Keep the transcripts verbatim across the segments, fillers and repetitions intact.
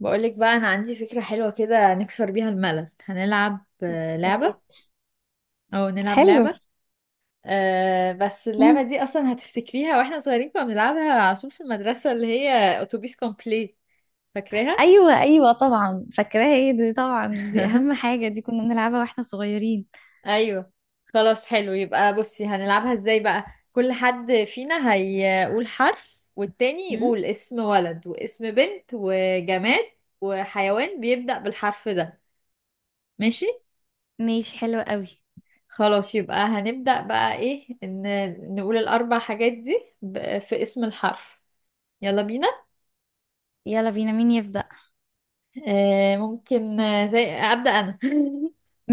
بقولك بقى أنا عندي فكرة حلوة كده، نكسر بيها الملل. هنلعب آه، يا لعبة ريت. أو نلعب حلو. لعبة. أه بس اللعبة مم. دي أصلا هتفتكريها. وإحنا صغيرين كنا بنلعبها على طول في المدرسة، اللي هي أتوبيس كومبلي. فاكراها؟ ايوه، ايوه، طبعا فاكراها، ايه دي، طبعا دي اهم حاجه، دي كنا بنلعبها واحنا صغيرين. أيوه. خلاص، حلو. يبقى بصي هنلعبها إزاي بقى. كل حد فينا هيقول حرف، والتاني مم. يقول اسم ولد واسم بنت وجماد وحيوان بيبدأ بالحرف ده. ماشي؟ ماشي، حلو قوي. خلاص يبقى هنبدأ بقى، ايه، ان نقول الاربع حاجات دي ب- في اسم الحرف. يلا بينا. يلا بينا، مين يبدأ؟ آه ممكن، آه، زي أبدأ انا.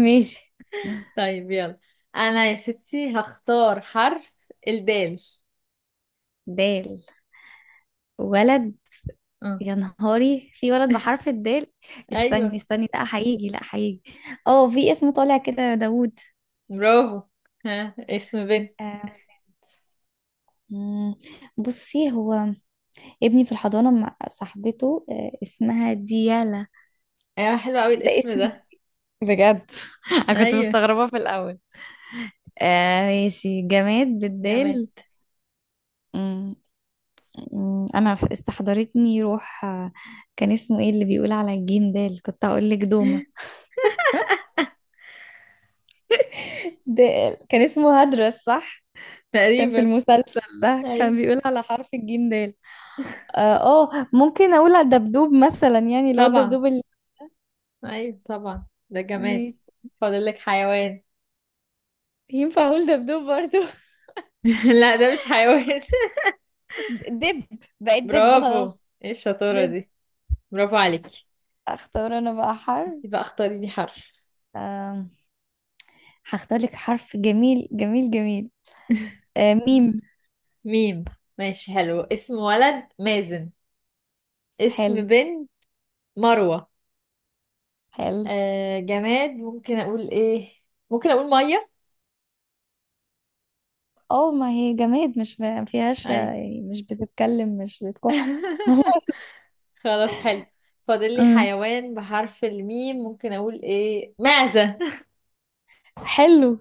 ماشي. طيب يلا. انا يا ستي هختار حرف. الدال. دال. ولد. اه، يا نهاري، في ولد بحرف الدال؟ استني ايوه. استني لا هيجي لا هيجي. اه، في اسم طالع كده، داوود. برافو. ها، اسم بنت. آه، مم. بصي، هو ابني في الحضانة مع صاحبته آه، اسمها ديالا. ايوه، حلو قوي ده الاسم اسمي ده. بجد. انا كنت ايوه، مستغربة في الاول. آه، ماشي، جماد بالدال. جماد. أمم، أمم، انا استحضرتني روح. آه، كان اسمه ايه اللي بيقول على الجيم ده اللي كنت اقول لك؟ دومة. دال، كان اسمه هدرس، صح؟ كان في تقريبا. المسلسل ده كان ايوه بيقول على حرف الجيم دال. اه. آه، ممكن اقول على الدبدوب مثلا، يعني اللي هو طبعا. الدبدوب اللي... ايوه طبعا ده جماد. ماشي. فاضل لك حيوان. ينفع اقول دبدوب برضو؟ لا ده مش حيوان. دب. بقيت دب برافو. خلاص. ايه الشطارة دب. دي. برافو عليك. اختار انا بقى حرف. يبقى اختاري لي حرف. آم، هختار لك حرف جميل جميل جميل. آه، ميم. ميم. ماشي، حلو. اسم ولد مازن. اسم حلو. بنت مروة. حلو. آه جماد ممكن اقول ايه؟ ممكن اقول مية. اه، ما هي جماد، مش ما فيهاش اي. يعني، مش بتتكلم مش بتكح. خلاص. خلاص، حلو. فاضل لي امم حيوان بحرف الميم، ممكن اقول ايه؟ معزة. حلو.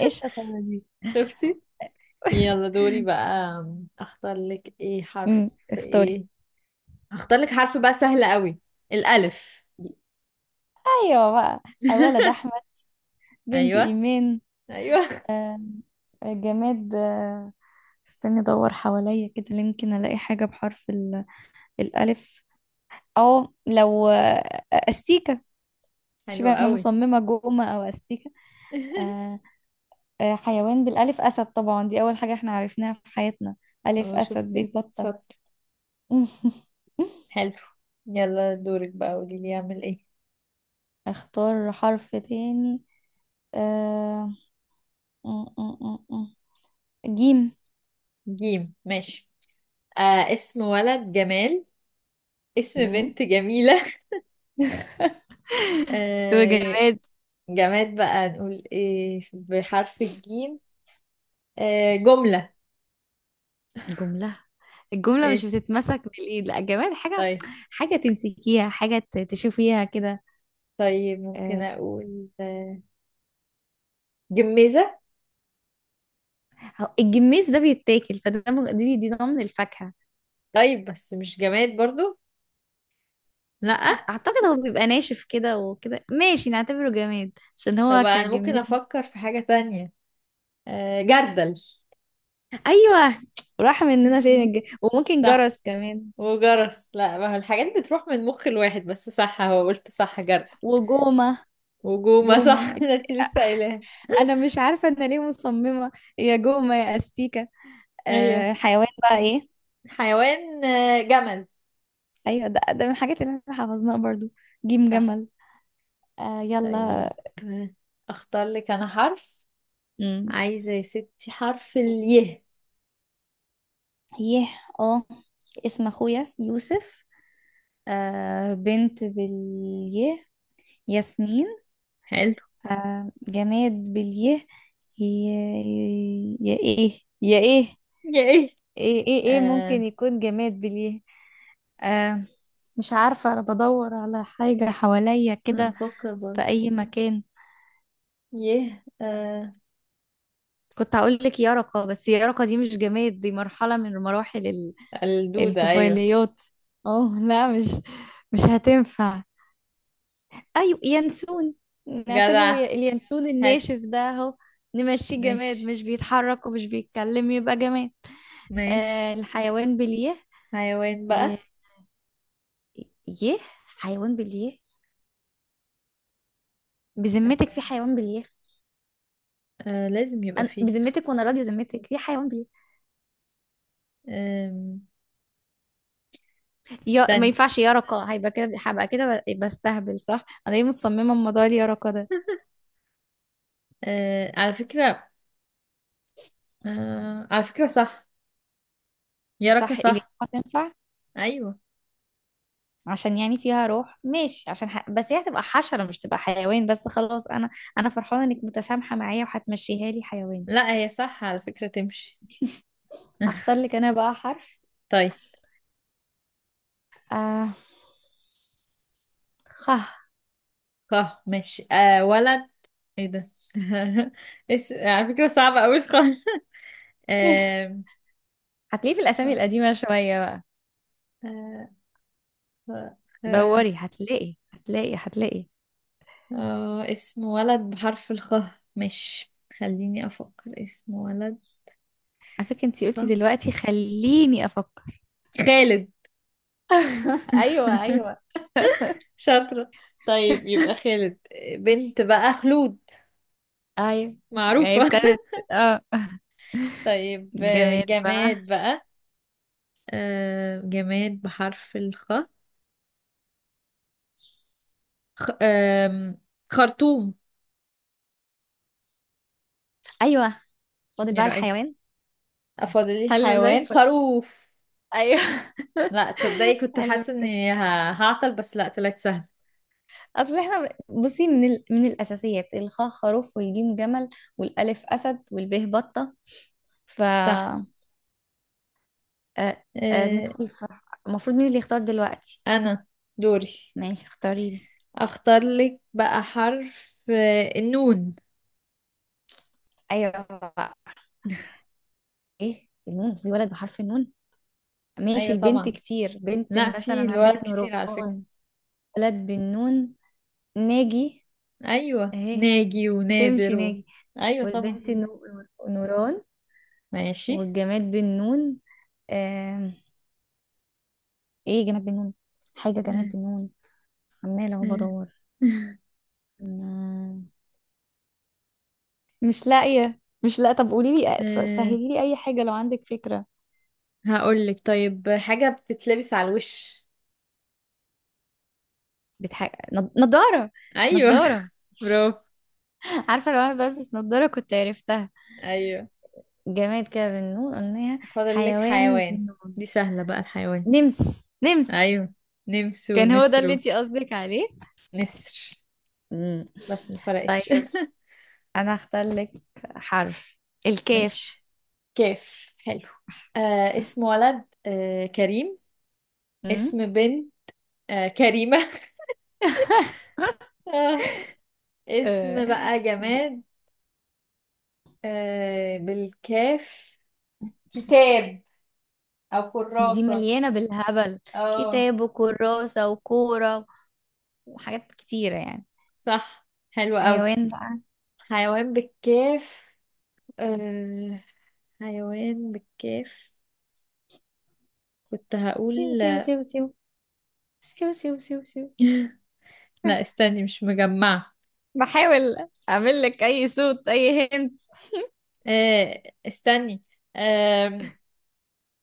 ايه الشطاره دي! شفتي. يلا دوري بقى. اختار لك ايه حرف؟ امم اختاري. ايه، هختار لك حرف بقى سهل قوي. الالف. ايوه بقى. ولد احمد. بنت ايوه ايمان. ايوه. آم، جماد. آه، استني ادور حواليا كده، يمكن الاقي حاجه بحرف ال- الالف. اه لو آه، استيكه. حلو شوفي، انا قوي. مصممه جومه او استيكه. آه، آه، حيوان بالألف، أسد طبعا، دي أول حاجة احنا عرفناها في حياتنا. ألف هو أسد، شفتي. بيت بطة. شاطر. حلو. يلا دورك بقى، قولي لي اعمل ايه. اختار حرف تاني. آه... م- م- م- م. جيم. جيم. ماشي. آه اسم ولد جمال. اسم مم. بنت جميلة. آه وجماد؟ جماد بقى نقول ايه بحرف الجيم؟ آه جملة. جملة. الجملة ايه؟ مش بتتمسك بالإيد، لا، جماد حاجة، طيب، حاجة تمسكيها، حاجة ت- تشوفيها كده. طيب. ممكن آه، اقول آه جميزة. هو الجميز ده بيتاكل، فده م- دي دي نوع من الفاكهة. طيب، بس مش جماد برضو. لا. أعتقد هو بيبقى ناشف كده وكده، ماشي نعتبره جماد عشان طب هو انا ممكن كجميز. افكر في حاجة تانية. آه جردل. ايوه. راح مننا فين الج... وممكن صح. جرس كمان. وجرس. لا، ما هو الحاجات بتروح من مخ الواحد، بس صح، هو قلت صح، جرد. وجومة. وجومة، جومة. صح. ده انت لسه قايلاها. انا مش عارفة انا ليه مصممة. يا جومة يا استيكة. ايوه. آه، حيوان بقى ايه؟ حيوان آه، جمل. ايوه، ده, ده من الحاجات اللي احنا حفظناها برضو. جيم صح. جمل. آه، يلا. طيب اختار لك انا حرف. امم عايزة يا ستي حرف اليه. يه. اه. اسم اخويا يوسف. آه، بنت باليه، ياسمين. حلو. آه، جماد باليه. يا, يا ايه يا ايه؟ يا ايه. ايه ايه ايه، ممكن آه يكون جماد بليه. آه. مش عارفة، انا بدور على حاجة حواليا أنا كده، بفكر في برضه. اي مكان. يه. آه كنت هقول لك يرقة، بس يرقة دي مش جماد، دي مرحلة من مراحل ال- الدودة ايوه. الطفيليات. اه لا، مش... مش هتنفع. ايوه، ينسون. نعتبره جدع. ي- اليانسون حلو. الناشف ده اهو، نمشيه جماد، ماشي. مش بيتحرك ومش بيتكلم يبقى جماد. ماشي. آه، الحيوان بليه؟ حيوان يه. بقى. يه. حيوان بليه؟ بذمتك في حيوان بليه؟ آه لازم يبقى انا فيه. بذمتك، وانا راضيه ذمتك، في حيوان بي... آم، يا ما استني. ينفعش، يا رقا هيبقى كده، هبقى كده ب- بستهبل، صح؟ انا ليه مصممه الموضوع اللي يا رقا ده. آه على فكرة. آه على فكرة صح. يا ركا، صح، اللي صح. تنفع، أيوة. عشان يعني فيها روح، ماشي، عشان ح... بس هي هتبقى حشره مش تبقى حيوان. بس خلاص انا، انا فرحانه انك متسامحه معايا وهتمشيها لي حيوان. لا هي صح على فكرة، تمشي. هختار لك انا بقى حرف. طيب. آه... خ. اه، ماشي. آه ولد. ايه ده. اس... على فكرة صعبة أوي خالص. آه... هتلاقيه في خ... الاسامي القديمه شويه بقى. آه... خ... خ... دوري هتلاقي هتلاقي هتلاقي. آه... اسم ولد بحرف الخ. مش، خليني أفكر اسم ولد. على فكره انتي خ... قلتي دلوقتي خليني افكر. خالد. ايوه ايوه شاطرة. طيب يبقى خالد. بنت بقى خلود. ايوه. يعني معروفة. ابتدت. اه. طيب، آه، جماد بقى. جماد بقى. آه، جماد بحرف الخ. خ... آم، خرطوم. ايوه. فاضل ايه بقى رأيك. الحيوان. افضل لي حلو، زي الحيوان الفل. خروف. ايوه. لا تصدقي كنت حلو حاسة كده. اني ه- هعطل، بس لا طلعت سهل. اصل احنا بصي من ال... من الاساسيات، الخاء خروف والجيم جمل والالف اسد والباء بطه. ف صح. آه، آه، آه، ندخل في... المفروض مين اللي يختار دلوقتي؟ انا دوري. ماشي، اختاري لي. اختار لك بقى حرف، آه، النون. ايوه بقى. ايه النون، في ولد بحرف النون؟ ماشي، ايوه البنت طبعا. كتير، بنت لا في مثلا الولد عندك كتير على فكرة. نوران. ولد بالنون، ناجي. ايوه، اهي، ناجي، ونادر، تمشي و... ناجي. ايوه طبعا. والبنت نو- نوران. ماشي. والجماد بالنون. آم، ايه جماد بالنون؟ حاجة جماد آه، بالنون. عمالة اهو آه. بدور. مم، مش لاقية مش لاقية. طب قولي لي، آه، سهلي لي اي حاجة لو عندك فكرة. هقولك طيب حاجة بتتلبس على الوش. بتح... نض- نضارة. ايوه. نضارة. برافو. عارفة، لو انا بلبس نضارة كنت عرفتها. ايوه. جماد كده بالنون قلناها. فاضل لك حيوان حيوان. بالنون. دي سهلة بقى الحيوان. نمس نمس. ايوه، نمس كان هو ده ونسرو اللي انتي قصدك عليه؟ نسر، مم. بس ما فرقتش. طيب، انا هختار لك حرف الكاف. ماشي. كيف، حلو. آه اسم ولد، آه كريم. امم اسم بنت، آه كريمة. آه آه، اسم بقى جماد. آه بالكاف. كتاب او دي كراسة. مليانة بالهبل، اه كتاب وكراسة وكورة وحاجات كتيرة يعني. صح، حلو قوي. حيوان بقى. حيوان بالكاف. أه... حيوان بالكاف. كنت هقول. سيو سيو سيو سيو سيو سيو سيو سيو. لا استني مش مجمعة. بحاول اعمل لك اي صوت، اي هنت. أه... استني. أه...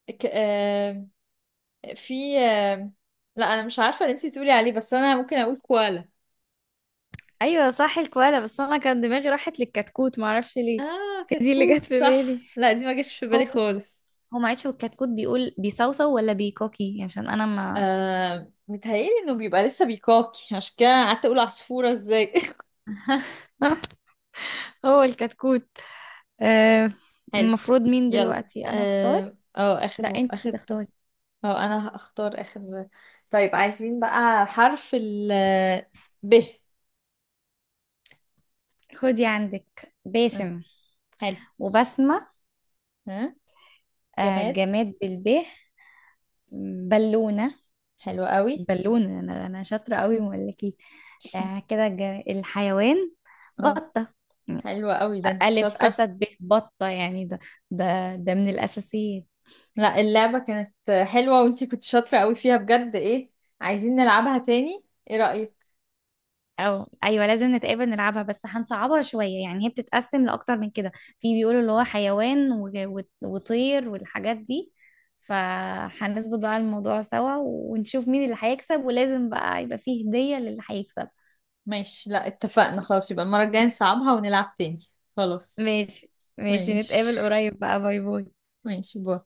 ك... أه... في أه... لا انا مش عارفة اللي انتي تقولي عليه، بس انا ممكن اقول كوالا. ايوه صح، الكوالا، بس انا كان دماغي راحت للكتكوت معرفش ليه. اه هي دي اللي جت كتكوت في صح. بالي. لا دي ما جاتش في هو بالي خالص. هو معلش، هو الكتكوت بيقول بيصوصو ولا بيكوكي عشان انا ما... آه متهيألي انه بيبقى لسه بيكاكي، عشان كده قعدت اقول عصفورة ازاي. هو الكتكوت. آه، حلو. المفروض مين يلا. دلوقتي انا اختار؟ اه أو لا، اخر انتي اخر دور. تختاري. أو انا هختار اخر. طيب عايزين بقى حرف ال ب. خدي عندك آه، باسم حلو. وبسمة. ها. آه، جماد. جماد بالب، بالونة. حلو قوي. بالونة، انا انا شاطرة قوي ما اقولكيش. آه، كده جا- الحيوان، اه، بطة. حلوة قوي، ده انت ألف شاطرة. أسد، ب بطة، يعني ده ده ده من الأساسيات. لا اللعبة كانت حلوة، وانت كنت شاطرة قوي فيها بجد. ايه، عايزين نلعبها تاني. ايه رأيك. او ايوه، لازم نتقابل نلعبها، بس هنصعبها شويه، يعني هي بتتقسم لاكتر من كده، في بيقولوا اللي هو حيوان و- و- وطير والحاجات دي. فهنظبط بقى الموضوع سوا، ونشوف مين اللي هيكسب، ولازم بقى يبقى فيه هديه للي هيكسب. ماشي. لا اتفقنا خلاص، يبقى المرة الجاية نصعبها ونلعب تاني. خلاص. ماشي. ماشي، ماشي. نتقابل قريب بقى، باي باي. ماشي، باي.